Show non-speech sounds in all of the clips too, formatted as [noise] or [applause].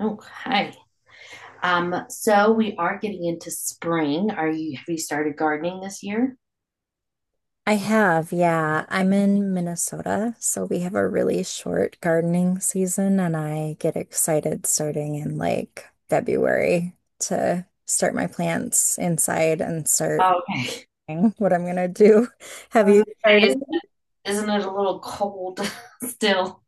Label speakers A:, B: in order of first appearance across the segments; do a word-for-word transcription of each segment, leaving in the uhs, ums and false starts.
A: Okay. Um, so we are getting into spring. Are you have you started gardening this year?
B: I have, yeah. I'm in Minnesota, so we have a really short gardening season, and I get excited starting in like February to start my plants inside and start
A: Okay.
B: doing what I'm gonna do. [laughs]
A: I
B: Have
A: was
B: you
A: gonna say,
B: started?
A: is- Isn't it a little cold [laughs] still?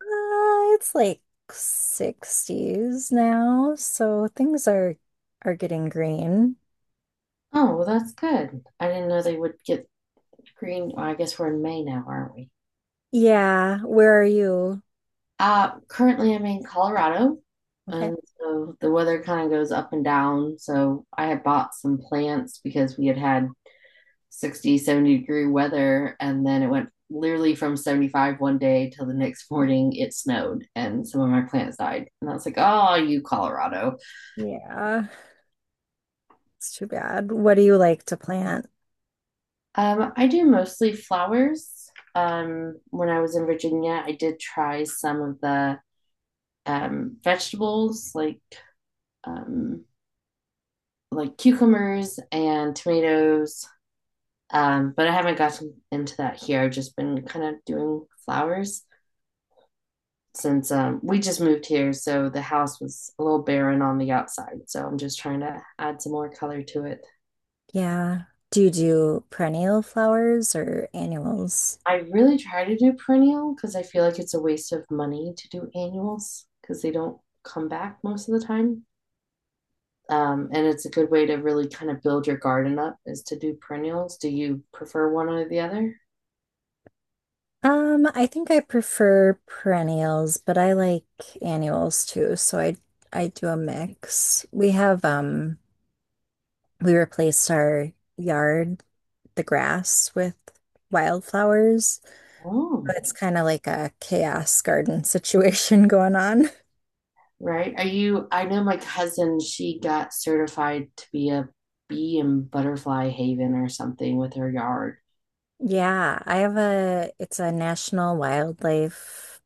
B: Uh, it's like sixties now, so things are are getting green.
A: Oh, well, that's good. I didn't know they would get green. Well, I guess we're in May now, aren't we?
B: Yeah, where are you?
A: Uh, currently I'm in Colorado,
B: Okay.
A: and so the weather kind of goes up and down. So I had bought some plants because we had had Sixty, seventy degree weather. And then it went literally from seventy-five one day till the next morning it snowed and some of my plants died. And I was like, oh, you Colorado.
B: Yeah, it's too bad. What do you like to plant?
A: Um, I do mostly flowers. Um, when I was in Virginia, I did try some of the um, vegetables like um, like cucumbers and tomatoes. Um, but I haven't gotten into that here. I've just been kind of doing flowers, since um, we just moved here, so the house was a little barren on the outside. So I'm just trying to add some more color to it.
B: Yeah. Do you do perennial flowers or annuals?
A: I really try to do perennial because I feel like it's a waste of money to do annuals because they don't come back most of the time. Um, and it's a good way to really kind of build your garden up is to do perennials. Do you prefer one or the other?
B: Um, I think I prefer perennials, but I like annuals too, so I I do a mix. We have um we replaced our yard, the grass with wildflowers. But
A: Oh,
B: it's kind of like a chaos garden situation [laughs] going on.
A: right. Are you? I know my cousin, she got certified to be a bee and butterfly haven or something with her yard.
B: Yeah, I have a it's a national wildlife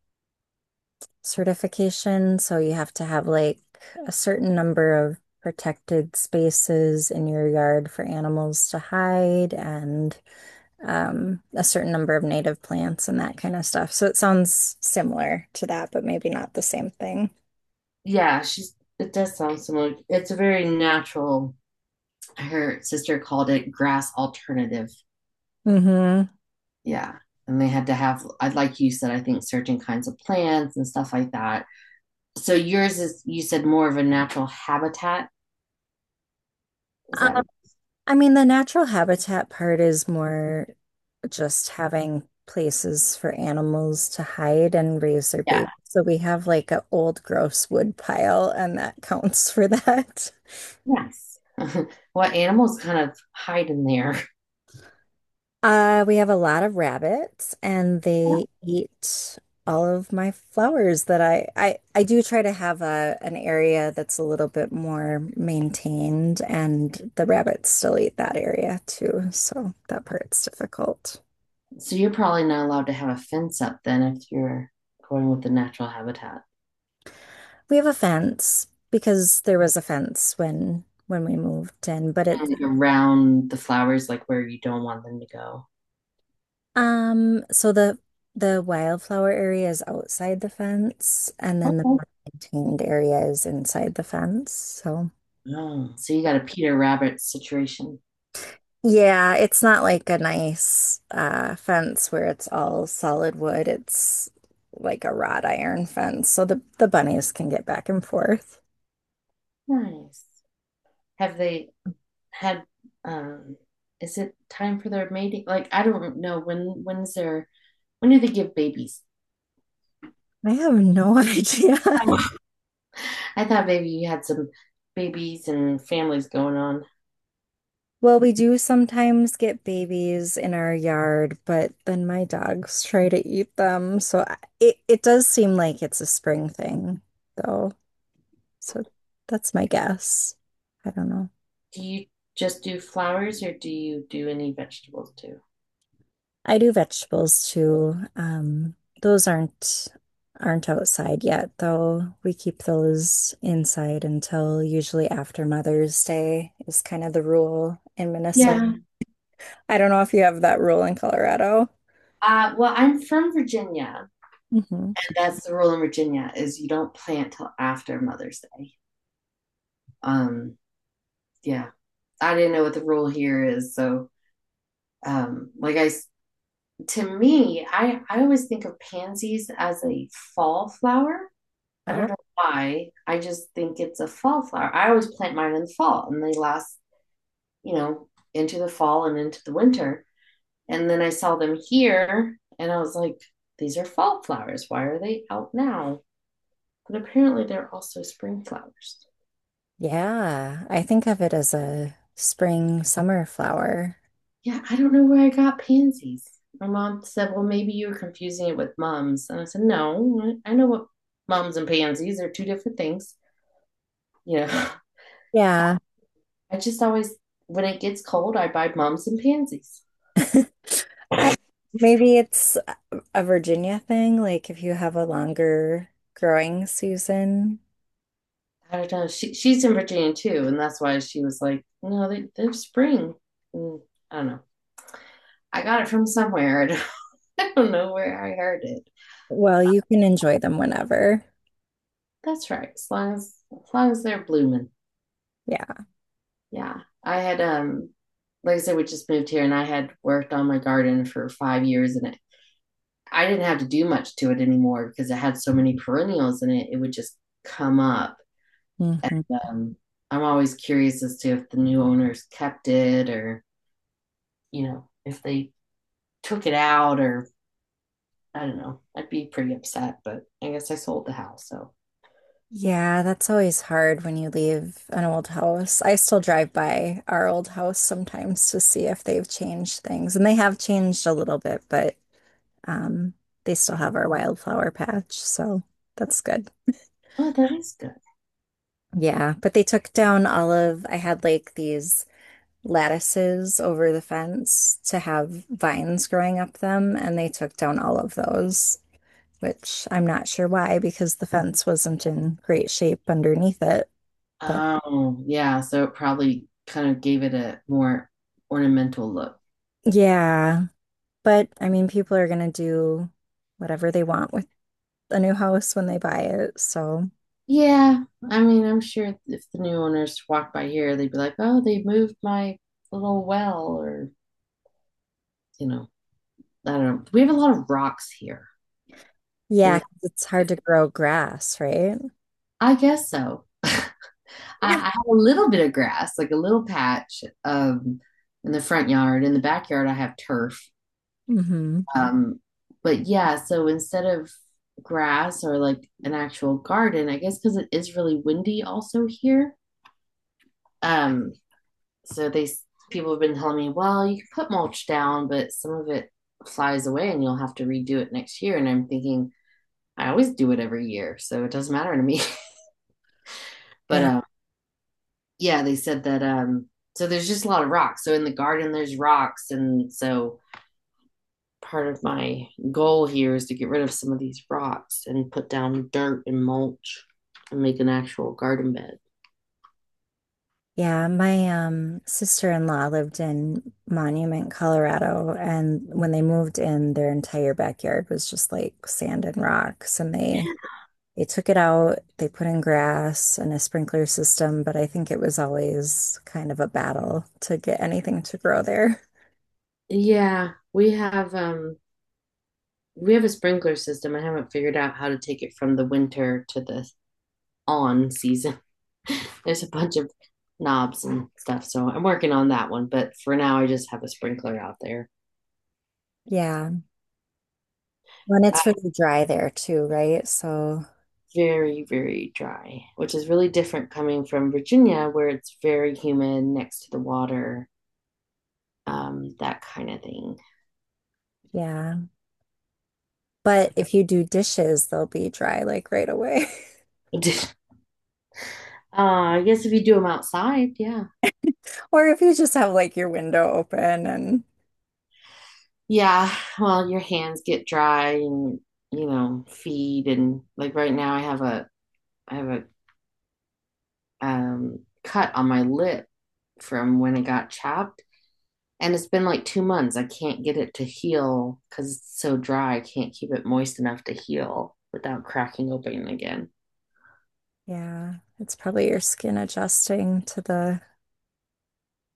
B: certification. So you have to have like a certain number of protected spaces in your yard for animals to hide and um, a certain number of native plants and that kind of stuff. So it sounds similar to that, but maybe not the same thing.
A: Yeah, she's it does sound similar. It's a very natural. Her sister called it grass alternative.
B: Hmm.
A: Yeah. And they had to have, I'd like you said, I think certain kinds of plants and stuff like that. So yours is, you said, more of a natural habitat. Is
B: Um,
A: that what?
B: I mean, the natural habitat part is more just having places for animals to hide and raise their babies.
A: Yeah.
B: So we have like an old gross wood pile, and that [laughs] counts for that. [laughs]
A: Yes. [laughs] What animals kind of hide in there?
B: Uh, we have a lot of rabbits and they eat all of my flowers that I I, I do try to have a an area that's a little bit more maintained and the rabbits still eat that area too, so that part's difficult.
A: So you're probably not allowed to have a fence up then if you're going with the natural habitat
B: We have a fence because there was a fence when when we moved in, but it
A: and like, around the flowers, like where you don't want them to
B: um so the the wildflower area is outside the fence and then the
A: go.
B: more maintained area is inside the fence, so
A: Oh, so you got a Peter Rabbit situation.
B: yeah, it's not like a nice uh, fence where it's all solid wood. It's like a wrought iron fence, so the the bunnies can get back and forth.
A: Nice. Have they had um is it time for their mating? Like I don't know when when's their when do they give babies?
B: I have no [laughs] idea.
A: I I thought maybe you had some babies and families going on.
B: Well, we do sometimes get babies in our yard, but then my dogs try to eat them. So I- it it does seem like it's a spring thing, though. So that's my guess. I don't know.
A: Do you just do flowers or do you do any vegetables too?
B: I do vegetables too. Um, those aren't aren't outside yet, though. We keep those inside until usually after Mother's Day is kind of the rule in Minnesota.
A: Yeah.
B: I don't know if you have that rule in Colorado.
A: Uh, well, I'm from Virginia.
B: Hmm.
A: That's the rule in Virginia is you don't plant till after Mother's Day. Um, yeah. I didn't know what the rule here is, so um, like I, to me, I I always think of pansies as a fall flower. I don't
B: Oh,
A: know why. I just think it's a fall flower. I always plant mine in the fall, and they last, you know, into the fall and into the winter. And then I saw them here, and I was like, these are fall flowers. Why are they out now? But apparently, they're also spring flowers.
B: yeah. I think of it as a spring summer flower.
A: Yeah, I don't know where I got pansies. My mom said, well, maybe you were confusing it with mums. And I said, no, I know what mums and pansies are two different things. You know,
B: Yeah.
A: [laughs] I just always, when it gets cold, I buy mums and pansies.
B: [laughs] I- Maybe it's a Virginia thing, like if you have a longer growing season.
A: I don't know. She, she's in Virginia too. And that's why she was like, no, they, they're spring. And I don't know. I got it from somewhere. [laughs] I don't know where I heard it.
B: Well, you can enjoy them whenever.
A: That's right. As long as, as long as they're blooming.
B: Yeah.
A: Yeah. I had um like I said, we just moved here and I had worked on my garden for five years and it, I didn't have to do much to it anymore because it had so many perennials in it. It would just come up. And
B: Hmm.
A: um, I'm always curious as to if the new owners kept it or, you know, if they took it out or I don't know. I'd be pretty upset, but I guess I sold the house. So
B: Yeah, that's always hard when you leave an old house. I still drive by our old house sometimes to see if they've changed things, and they have changed a little bit, but um, they still have our wildflower patch, so that's good.
A: oh, that is good.
B: Yeah, but they took down all of, I had like these lattices over the fence to have vines growing up them, and they took down all of those, which I'm not sure why because the fence wasn't in great shape underneath it. But
A: Oh, yeah. So it probably kind of gave it a more ornamental look.
B: yeah, but I mean, people are going to do whatever they want with a new house when they buy it. So
A: Yeah. I mean, I'm sure if the new owners walk by here, they'd be like, oh, they moved my little well, or, you know, I don't know. We have a lot of rocks here.
B: yeah,
A: And
B: 'cause it's hard to grow grass, right?
A: I guess so. [laughs] I,
B: Yeah.
A: I have a little bit of grass, like a little patch um, in the front yard. In the backyard, I have turf.
B: Hmm.
A: Um, but yeah, so instead of grass or like an actual garden, I guess because it is really windy also here. Um, so they people have been telling me, well, you can put mulch down, but some of it flies away and you'll have to redo it next year. And I'm thinking, I always do it every year, so it doesn't matter to me. [laughs] But
B: Yeah.
A: um, yeah, they said that um so there's just a lot of rocks. So in the garden there's rocks and so part of my goal here is to get rid of some of these rocks and put down dirt and mulch and make an actual garden bed.
B: Yeah. My um sister-in-law lived in Monument, Colorado, and when they moved in, their entire backyard was just like sand and rocks, and they They took it out, they put in grass and a sprinkler system, but I think it was always kind of a battle to get anything to grow there. [laughs]
A: Yeah, we have um we have a sprinkler system. I haven't figured out how to take it from the winter to the on season. [laughs] There's a bunch of knobs and stuff, so I'm working on that one, but for now I just have a sprinkler out there.
B: Yeah. When it's really dry there too, right? So,
A: Very, very dry, which is really different coming from Virginia, where it's very humid next to the water, um, that kind of thing.
B: yeah. But if you do dishes, they'll be dry like right away.
A: [laughs] uh, I guess if you do them outside, yeah.
B: [laughs] Or if you just have like your window open and
A: Yeah, well, your hands get dry and, you know, feed. And like right now, I have a, I have a um, cut on my lip from when it got chopped. And it's been like two months. I can't get it to heal because it's so dry. I can't keep it moist enough to heal without cracking open again.
B: yeah, it's probably your skin adjusting to the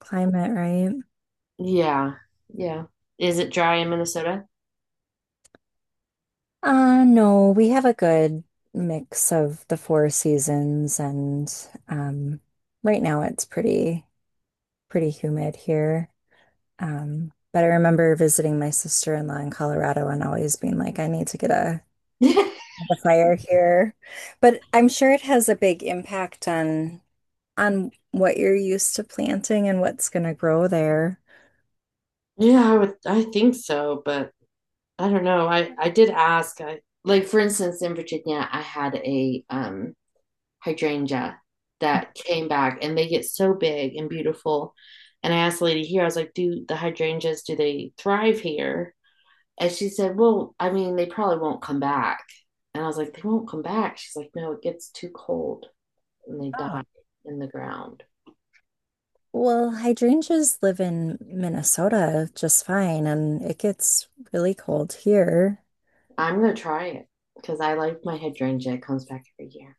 B: climate, right?
A: Yeah. Yeah. Is it dry in Minnesota?
B: Uh, no, we have a good mix of the four seasons and um right now it's pretty pretty humid here. Um, but I remember visiting my sister-in-law in Colorado and always being like, I need to get a,
A: [laughs]
B: a fire here. But I'm sure it has a big impact on on what you're used to planting and what's gonna grow there.
A: Yeah, I would I think so, but I don't know. I I did ask. I like for instance in Virginia, I had a um hydrangea that came back and they get so big and beautiful. And I asked the lady here, I was like, "Do the hydrangeas do they thrive here?" And she said, "Well, I mean, they probably won't come back." And I was like, "They won't come back." She's like, "No, it gets too cold and they
B: Ah.
A: die in the ground."
B: Well, hydrangeas live in Minnesota just fine, and it gets really cold here.
A: I'm gonna try it because I like my hydrangea. It comes back every year.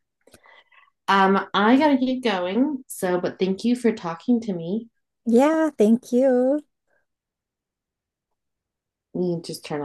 A: Um, I gotta get going. So, but thank you for talking to me.
B: Yeah, thank you.
A: You just turn.